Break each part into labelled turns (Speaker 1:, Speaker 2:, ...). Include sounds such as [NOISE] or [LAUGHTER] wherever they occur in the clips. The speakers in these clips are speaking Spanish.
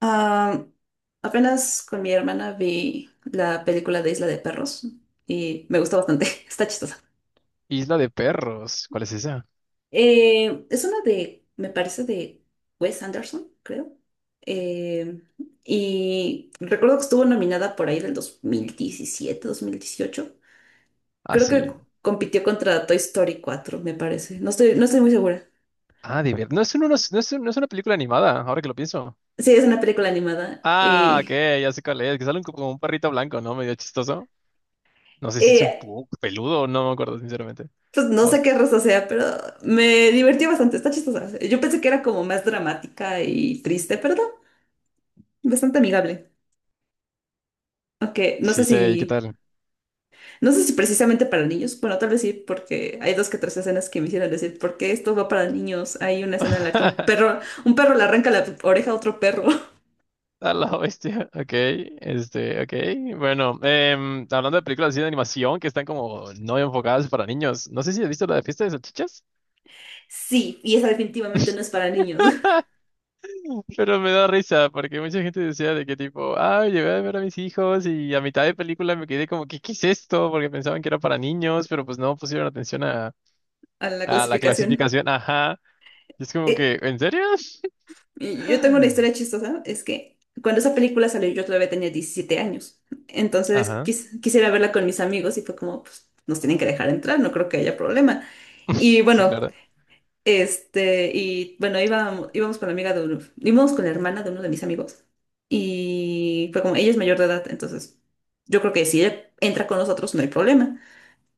Speaker 1: Ah, apenas con mi hermana vi la película de Isla de Perros y me gustó bastante, [LAUGHS] está chistosa.
Speaker 2: Isla de perros. ¿Cuál es esa?
Speaker 1: Es una de, me parece, de Wes Anderson, creo. Eh, y recuerdo que estuvo nominada por ahí del dos mil diecisiete 2018.
Speaker 2: Ah,
Speaker 1: Creo que
Speaker 2: sí.
Speaker 1: compitió contra Toy Story 4, me parece. No estoy muy segura.
Speaker 2: Ah, de ver. No es, un- no es, no es un- No es una película animada, ahora que lo pienso.
Speaker 1: Sí, es una película animada.
Speaker 2: Ah, ok,
Speaker 1: Y
Speaker 2: ya sé cuál es. Que sale como un perrito blanco, ¿no? Medio chistoso. No sé si es un
Speaker 1: eh,
Speaker 2: poco peludo, no me acuerdo, sinceramente.
Speaker 1: pues no
Speaker 2: O-
Speaker 1: sé qué raza sea, pero me divertí bastante, está chistosa. Yo pensé que era como más dramática y triste, pero no, bastante amigable. Aunque no sé
Speaker 2: sí, sé, ¿y qué
Speaker 1: si,
Speaker 2: tal?
Speaker 1: no sé si precisamente para niños, bueno, tal vez sí, porque hay dos que tres escenas que me hicieron decir, ¿por qué esto va para niños? Hay una escena en la que un
Speaker 2: [LAUGHS]
Speaker 1: perro, un perro le arranca la oreja a otro perro. [LAUGHS]
Speaker 2: A la bestia. Ok, ok. Bueno, hablando de películas así de animación que están como no enfocadas para niños. No sé si has visto la de Fiesta de Salchichas.
Speaker 1: Sí, y esa definitivamente no es para niños. [LAUGHS]
Speaker 2: Pero me da risa, porque mucha gente decía de que tipo, ah, llevé a ver a mis hijos y a mitad de película me quedé como, ¿qué es esto? Porque pensaban que era para niños, pero pues no pusieron atención
Speaker 1: A la
Speaker 2: a la
Speaker 1: clasificación.
Speaker 2: clasificación, ajá. Y es como
Speaker 1: E-
Speaker 2: que, ¿en serio? [GASPS]
Speaker 1: Y yo tengo una historia
Speaker 2: [SIGHS]
Speaker 1: chistosa, es que cuando esa película salió yo todavía tenía 17 años, entonces
Speaker 2: Ajá,
Speaker 1: quisiera verla con mis amigos y fue como, pues nos tienen que dejar entrar, no creo que haya problema. Y
Speaker 2: sí,
Speaker 1: bueno,
Speaker 2: claro.
Speaker 1: íbamos con la amiga de uno, íbamos con la hermana de uno de mis amigos y fue como, ella es mayor de edad, entonces yo creo que si ella entra con nosotros no hay problema.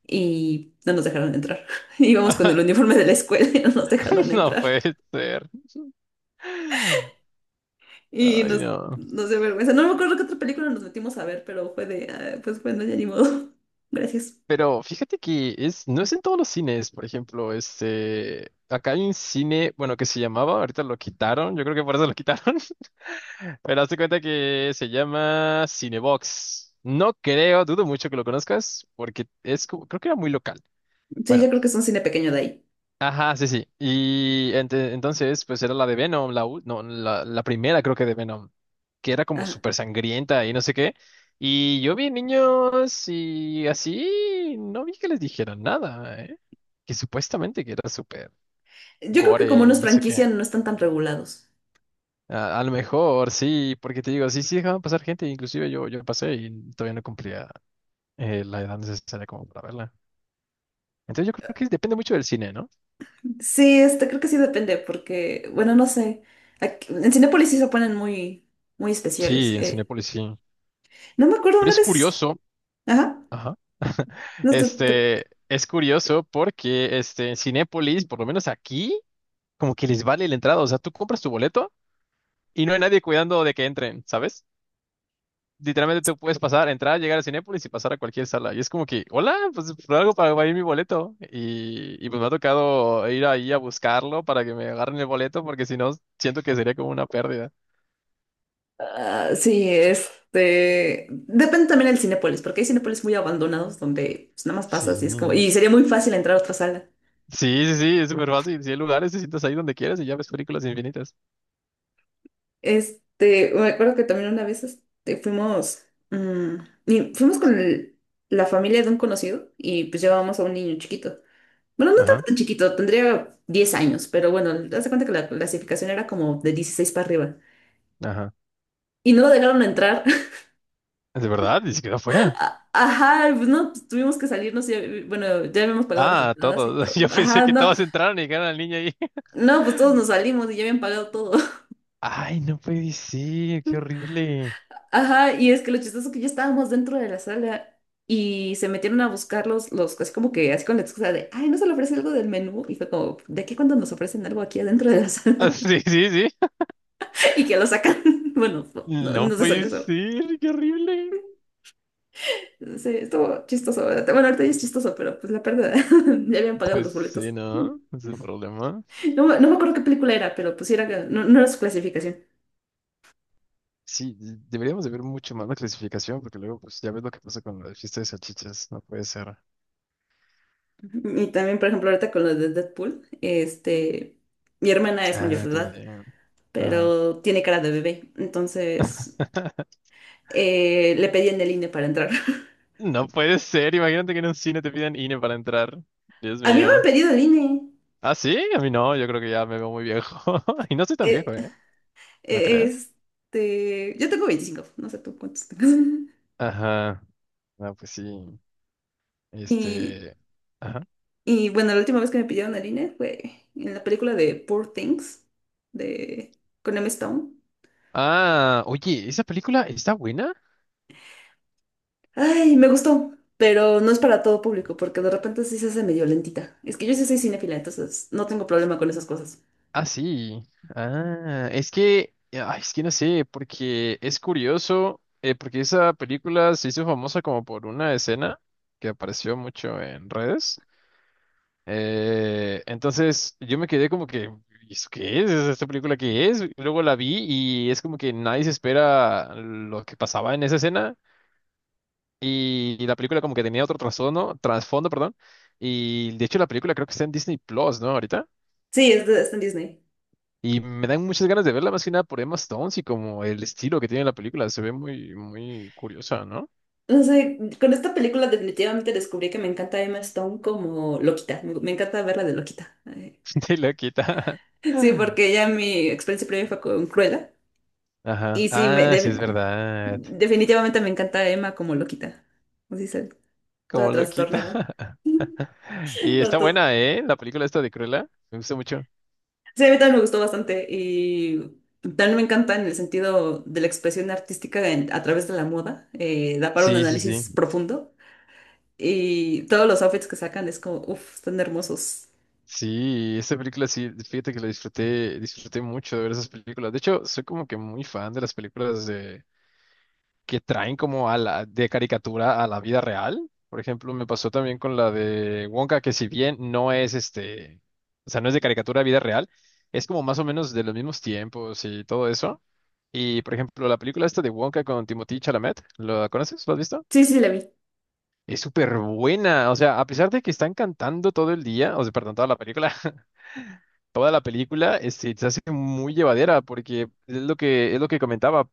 Speaker 1: Y no nos dejaron entrar. [LAUGHS] Íbamos con el
Speaker 2: Ajá,
Speaker 1: uniforme de la escuela y no nos dejaron
Speaker 2: [LAUGHS] no
Speaker 1: entrar.
Speaker 2: puede ser.
Speaker 1: Y
Speaker 2: Ay,
Speaker 1: nos,
Speaker 2: no.
Speaker 1: nos dio vergüenza. No me acuerdo qué otra película nos metimos a ver, pero fue de, "Ah, pues bueno, ya ni modo". [LAUGHS] Gracias.
Speaker 2: Pero fíjate que es, no es en todos los cines, por ejemplo, acá hay un cine, bueno, que se llamaba, ahorita lo quitaron, yo creo que por eso lo quitaron. Pero hazte cuenta que se llama Cinebox. No creo, dudo mucho que lo conozcas, porque es, creo que era muy local.
Speaker 1: Sí,
Speaker 2: Bueno,
Speaker 1: yo creo que es un cine pequeño de ahí.
Speaker 2: ajá, sí. Y entonces, pues era la de Venom, no, la primera creo que de Venom, que era como
Speaker 1: Ajá.
Speaker 2: súper sangrienta y no sé qué. Y yo vi niños y así, no vi que les dijeran nada, ¿eh? Que supuestamente que era súper
Speaker 1: Yo creo que como
Speaker 2: gore y
Speaker 1: nos
Speaker 2: no sé qué.
Speaker 1: franquician, no están tan regulados.
Speaker 2: A lo mejor, sí, porque te digo, sí dejaban pasar gente, inclusive yo pasé y todavía no cumplía la edad necesaria como para verla. Entonces yo creo que depende mucho del cine, ¿no?
Speaker 1: Sí, creo que sí depende, porque, bueno, no sé. En Cinépolis sí se ponen muy, muy especiales.
Speaker 2: Sí, en Cinépolis sí.
Speaker 1: No me acuerdo
Speaker 2: Pero
Speaker 1: una
Speaker 2: es
Speaker 1: vez.
Speaker 2: curioso,
Speaker 1: Ajá.
Speaker 2: ajá. [LAUGHS]
Speaker 1: No,
Speaker 2: Es curioso porque en Cinépolis, por lo menos aquí, como que les vale la entrada. O sea, tú compras tu boleto y no hay nadie cuidando de que entren, ¿sabes? Literalmente te puedes pasar, entrar, llegar a Cinépolis y pasar a cualquier sala. Y es como que, hola, pues por algo para ir mi boleto. Y pues me ha tocado ir ahí a buscarlo para que me agarren el boleto, porque si no, siento que sería como una pérdida.
Speaker 1: ah, sí. Depende también del Cinépolis, porque hay Cinépolis muy abandonados donde pues, nada más pasas
Speaker 2: Sí.
Speaker 1: y es como. Y sería muy fácil entrar a otra sala.
Speaker 2: Sí, es súper fácil. Si hay lugares, te sientas ahí donde quieras y ya ves películas infinitas.
Speaker 1: Me acuerdo que también una vez, mm, y fuimos con la familia de un conocido y pues llevábamos a un niño chiquito. Bueno, no estaba
Speaker 2: Ajá,
Speaker 1: tan chiquito, tendría 10 años, pero bueno, haz de cuenta que la clasificación era como de 16 para arriba.
Speaker 2: ajá.
Speaker 1: Y no lo dejaron entrar. [LAUGHS]
Speaker 2: ¿De verdad? ¿Y se quedó afuera?
Speaker 1: Ajá, pues no, pues, tuvimos que salirnos y bueno, ya habíamos pagado las
Speaker 2: Ah,
Speaker 1: entradas y
Speaker 2: todos. [LAUGHS]
Speaker 1: todo.
Speaker 2: Yo pensé
Speaker 1: Ajá,
Speaker 2: que
Speaker 1: no,
Speaker 2: todos entraron y dejaron al niño ahí. [LAUGHS]
Speaker 1: no, pues todos nos salimos y ya habían pagado todo.
Speaker 2: Ay, no puede ser, qué horrible. [LAUGHS]
Speaker 1: Ajá, y es que lo chistoso que ya estábamos dentro de la sala y se metieron a buscarlos, así como que, así con la excusa de, ay, no se le ofrece algo del menú. Y fue como, ¿de qué cuando nos ofrecen algo aquí adentro de la
Speaker 2: Ah,
Speaker 1: sala?
Speaker 2: Sí. [LAUGHS]
Speaker 1: [LAUGHS] Y que lo sacan. [LAUGHS] Bueno, no, no,
Speaker 2: No
Speaker 1: no se salió
Speaker 2: puede
Speaker 1: eso.
Speaker 2: ser, qué horrible.
Speaker 1: Sí, estuvo chistoso, ¿verdad? Bueno, ahorita ya es chistoso, pero pues la pérdida. [LAUGHS] Ya habían pagado
Speaker 2: Pues
Speaker 1: los
Speaker 2: sí,
Speaker 1: boletos.
Speaker 2: ¿no? Ese es el problema.
Speaker 1: No, no me acuerdo qué película era, pero pues sí era, no, no era su clasificación.
Speaker 2: Sí, deberíamos de ver mucho más la clasificación, porque luego, pues ya ves lo que pasa con la fiesta de salchichas. No puede ser.
Speaker 1: Y también, por ejemplo, ahorita con lo de Deadpool, mi hermana es mayor
Speaker 2: Ah,
Speaker 1: de edad,
Speaker 2: también. Ajá.
Speaker 1: pero tiene cara de bebé. Entonces,
Speaker 2: [LAUGHS]
Speaker 1: le pedí en el INE para entrar. [LAUGHS]
Speaker 2: No puede ser. Imagínate que en un cine te pidan INE para entrar. Dios
Speaker 1: A mí me
Speaker 2: mío.
Speaker 1: han pedido el INE.
Speaker 2: Ah, sí, a mí no. Yo creo que ya me veo muy viejo. [LAUGHS] Y no soy tan
Speaker 1: Eh,
Speaker 2: viejo, ¿eh? ¿No crees?
Speaker 1: yo tengo 25, no sé tú cuántos tengas. [LAUGHS]
Speaker 2: Ajá. No, pues sí.
Speaker 1: Y,
Speaker 2: Este. Ajá.
Speaker 1: y bueno, la última vez que me pidieron el INE fue en la película de Poor Things, de, con Emma Stone.
Speaker 2: Ah, oye, ¿esa película está buena?
Speaker 1: Ay, me gustó, pero no es para todo público, porque de repente sí se hace medio lentita. Es que yo sí soy cinéfila, entonces no tengo problema con esas cosas.
Speaker 2: Ah, sí. Ah, es que no sé, porque es curioso, porque esa película se hizo famosa como por una escena que apareció mucho en redes. Entonces yo me quedé como que, "¿Y ¿eso qué es? ¿Esta película qué es?" Y luego la vi y es como que nadie se espera lo que pasaba en esa escena y la película como que tenía otro trasfondo, perdón. Y de hecho la película creo que está en Disney Plus, ¿no? Ahorita.
Speaker 1: Sí, está en Disney.
Speaker 2: Y me dan muchas ganas de verla más que nada por Emma Stone y como el estilo que tiene la película. Se ve muy curiosa, ¿no?
Speaker 1: No sé, con esta película definitivamente descubrí que me encanta Emma Stone como loquita. Me encanta verla de loquita. Ay.
Speaker 2: [LAUGHS] De loquita.
Speaker 1: Sí, porque ya mi experiencia previa fue con Cruella.
Speaker 2: Ajá.
Speaker 1: Y sí,
Speaker 2: Ah, sí, es verdad.
Speaker 1: definitivamente me encanta Emma como loquita. Así se, toda
Speaker 2: Como loquita.
Speaker 1: trastornada.
Speaker 2: [LAUGHS]
Speaker 1: [LAUGHS]
Speaker 2: Y
Speaker 1: No,
Speaker 2: está buena, ¿eh? La película esta de Cruella. Me gusta mucho.
Speaker 1: sí, a mí también me gustó bastante. Y también me encanta en el sentido de la expresión artística a través de la moda. Da para un análisis
Speaker 2: Sí,
Speaker 1: profundo. Y todos los outfits que sacan es como, uff, están hermosos.
Speaker 2: Sí, esta película sí, fíjate que la disfruté mucho de ver esas películas. De hecho, soy como que muy fan de las películas de, que traen como a la, de caricatura a la vida real. Por ejemplo, me pasó también con la de Wonka, que si bien no es o sea, no es de caricatura a vida real, es como más o menos de los mismos tiempos y todo eso. Y por ejemplo, la película esta de Wonka con Timothée Chalamet, ¿la conoces? ¿Lo has visto?
Speaker 1: Sí, sí, la vi.
Speaker 2: Es súper buena. O sea, a pesar de que están cantando todo el día, o sea, perdón, toda la película, [LAUGHS] toda la película, se hace muy llevadera porque es lo es lo que comentaba.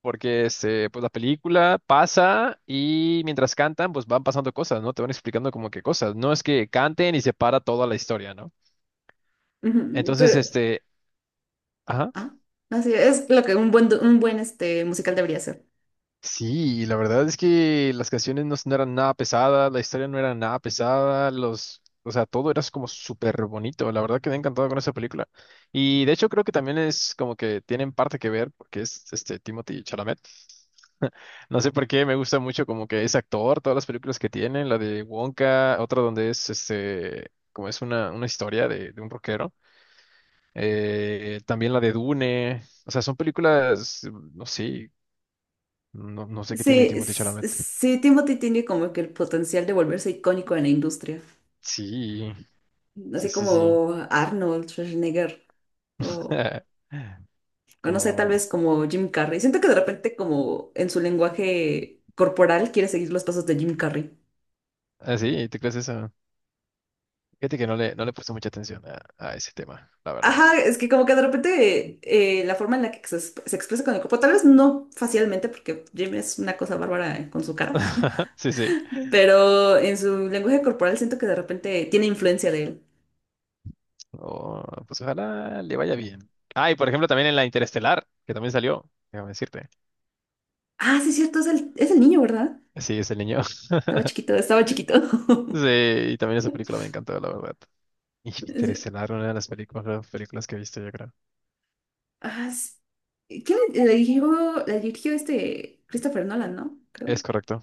Speaker 2: Porque pues la película pasa y mientras cantan, pues van pasando cosas, ¿no? Te van explicando como que cosas. No es que canten y se para toda la historia, ¿no?
Speaker 1: Ujú.
Speaker 2: Entonces, ajá.
Speaker 1: Ah, así es lo que un buen, un buen, musical debería ser.
Speaker 2: Sí, la verdad es que las canciones no eran nada pesadas, la historia no era nada pesada, los, o sea, todo era como súper bonito. La verdad quedé encantado con esa película. Y de hecho creo que también es como que tienen parte que ver porque es este Timothy Chalamet. [LAUGHS] No sé por qué, me gusta mucho como que es actor, todas las películas que tiene, la de Wonka, otra donde es como es una historia de un rockero, también la de Dune, o sea, son películas, no sé, no sé qué tiene
Speaker 1: Sí,
Speaker 2: Timothée Chalamet.
Speaker 1: sí, Timothy tiene como que el potencial de volverse icónico en la industria.
Speaker 2: Sí,
Speaker 1: Así
Speaker 2: sí.
Speaker 1: como Arnold Schwarzenegger o,
Speaker 2: [LAUGHS]
Speaker 1: o no sé, tal
Speaker 2: Como,
Speaker 1: vez como Jim Carrey. Siento que de repente como en su lenguaje corporal quiere seguir los pasos de Jim Carrey.
Speaker 2: ah, sí, ¿tú crees eso? Fíjate que no no le he puesto mucha atención a ese tema, la verdad.
Speaker 1: Ajá, es que como que de repente la forma en la que se, se expresa con el cuerpo, tal vez no facialmente, porque Jim es una cosa bárbara con su cara.
Speaker 2: [LAUGHS] Sí, sí.
Speaker 1: Pero en su lenguaje corporal siento que de repente tiene influencia de él.
Speaker 2: Oh, pues ojalá le vaya bien. Ah, y por ejemplo también en la Interestelar, que también salió, déjame decirte.
Speaker 1: Ah, sí, es cierto, es el niño, ¿verdad?
Speaker 2: Sí, ese niño. [LAUGHS]
Speaker 1: Estaba chiquito, estaba chiquito.
Speaker 2: Sí,
Speaker 1: [LAUGHS]
Speaker 2: y también esa película me encantó, la verdad. [LAUGHS] Y
Speaker 1: Es-
Speaker 2: Interestelar, una de las películas que he visto, yo creo.
Speaker 1: ah, sí. ¿Quién le dirigió? La dirigió Christopher Nolan, ¿no? Creo.
Speaker 2: Es correcto.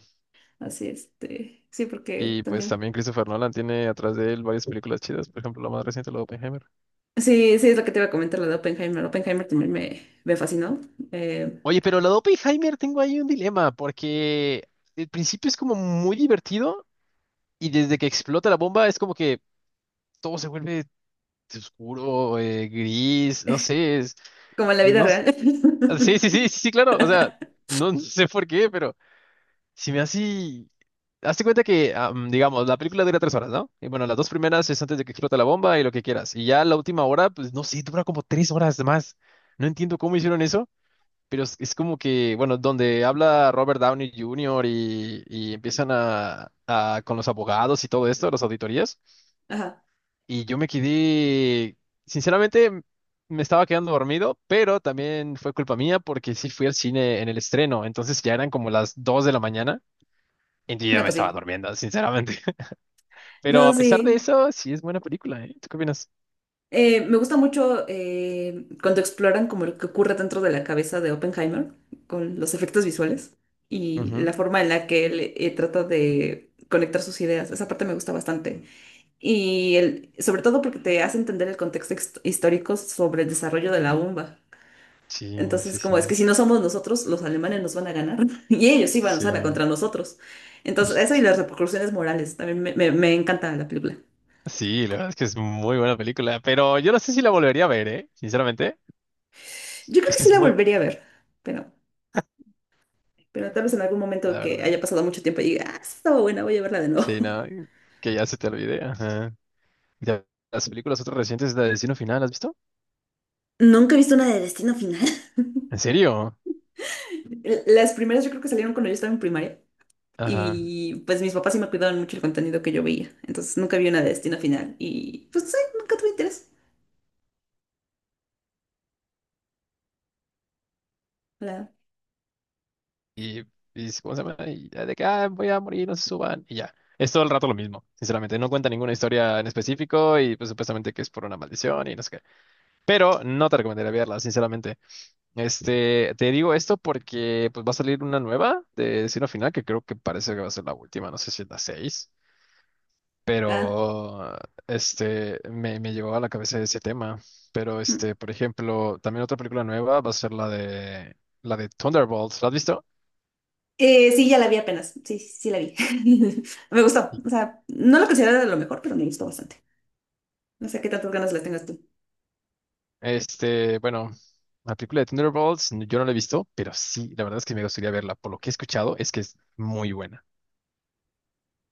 Speaker 1: Así, Sí, porque
Speaker 2: Y pues
Speaker 1: también.
Speaker 2: también Christopher Nolan tiene atrás de él varias películas chidas, por ejemplo, la más reciente, la de Oppenheimer.
Speaker 1: Sí, sí, es lo que te iba a comentar, lo de Oppenheimer. Oppenheimer también me fascinó. eh,
Speaker 2: Oye, pero la de Oppenheimer tengo ahí un dilema, porque el principio es como muy divertido y desde que explota la bomba es como que todo se vuelve oscuro, gris, no sé, es...
Speaker 1: Como en la vida
Speaker 2: No,
Speaker 1: real. [LAUGHS]
Speaker 2: Sí, claro. O sea, no sé por qué, pero si me hace. Hazte cuenta que, digamos, la película dura tres horas, ¿no? Y bueno, las dos primeras es antes de que explote la bomba y lo que quieras. Y ya la última hora, pues no sé, dura como tres horas más. No entiendo cómo hicieron eso, pero es como que, bueno, donde habla Robert Downey Jr. Y empiezan con los abogados y todo esto, las auditorías.
Speaker 1: Ajá.
Speaker 2: Y yo me quedé, sinceramente, me estaba quedando dormido, pero también fue culpa mía porque sí fui al cine en el estreno, entonces ya eran como las 2 de la mañana y yo ya
Speaker 1: No,
Speaker 2: me
Speaker 1: pues
Speaker 2: estaba
Speaker 1: sí.
Speaker 2: durmiendo, sinceramente. [LAUGHS] Pero
Speaker 1: No,
Speaker 2: a pesar de
Speaker 1: sí.
Speaker 2: eso, sí es buena película, ¿eh? ¿Tú qué opinas?
Speaker 1: Me gusta mucho cuando exploran como lo que ocurre dentro de la cabeza de Oppenheimer con los efectos visuales y
Speaker 2: Ujú.
Speaker 1: la forma en la que él, trata de conectar sus ideas. Esa parte me gusta bastante. Y sobre todo porque te hace entender el contexto histórico sobre el desarrollo de la bomba.
Speaker 2: Sí, sí,
Speaker 1: Entonces,
Speaker 2: sí,
Speaker 1: como es que si no somos nosotros, los alemanes nos van a ganar [LAUGHS] y ellos sí van a usarla
Speaker 2: sí.
Speaker 1: contra nosotros. Entonces, eso y las
Speaker 2: [LAUGHS]
Speaker 1: repercusiones morales también me encanta la película.
Speaker 2: Sí, la verdad es que es muy buena película, pero yo no sé si la volvería a ver, ¿eh? Sinceramente,
Speaker 1: Yo creo
Speaker 2: es
Speaker 1: que
Speaker 2: que
Speaker 1: sí
Speaker 2: es
Speaker 1: la
Speaker 2: muy,
Speaker 1: volvería a ver, pero... Pero tal vez en algún momento
Speaker 2: la
Speaker 1: que
Speaker 2: verdad.
Speaker 1: haya pasado mucho tiempo y diga, ah, esa estaba buena, voy a verla de nuevo.
Speaker 2: Sí, no,
Speaker 1: [LAUGHS]
Speaker 2: que ya se te olvide. Ajá. Ya, las películas otras recientes de Destino Final, ¿has visto?
Speaker 1: Nunca he visto una de Destino Final.
Speaker 2: ¿En serio?
Speaker 1: [LAUGHS] Las primeras yo creo que salieron cuando yo estaba en primaria
Speaker 2: Ajá.
Speaker 1: y pues mis papás sí me cuidaban mucho el contenido que yo veía, entonces nunca vi una de Destino Final y pues sí, nunca tuve interés. La-
Speaker 2: Y, y ¿cómo se llama? Y ya de que "Ah, voy a morir, no se suban." Y ya. Es todo el rato lo mismo, sinceramente. No cuenta ninguna historia en específico y pues supuestamente que es por una maldición y no sé qué. Pero no te recomendaría verla, sinceramente. Te digo esto porque pues va a salir una nueva de Destino Final que creo que parece que va a ser la última, no sé si es la 6.
Speaker 1: ah,
Speaker 2: Pero me llegó a la cabeza ese tema. Pero
Speaker 1: mm.
Speaker 2: por ejemplo, también otra película nueva va a ser la de Thunderbolts. ¿La has visto?
Speaker 1: Sí, ya la vi apenas, sí, sí, sí la vi. [LAUGHS] Me gustó, o sea, no la considero de lo mejor, pero me gustó bastante. No sé qué tantas ganas le tengas tú.
Speaker 2: Bueno, la película de Thunderbolts yo no la he visto, pero sí, la verdad es que me gustaría verla. Por lo que he escuchado es que es muy buena.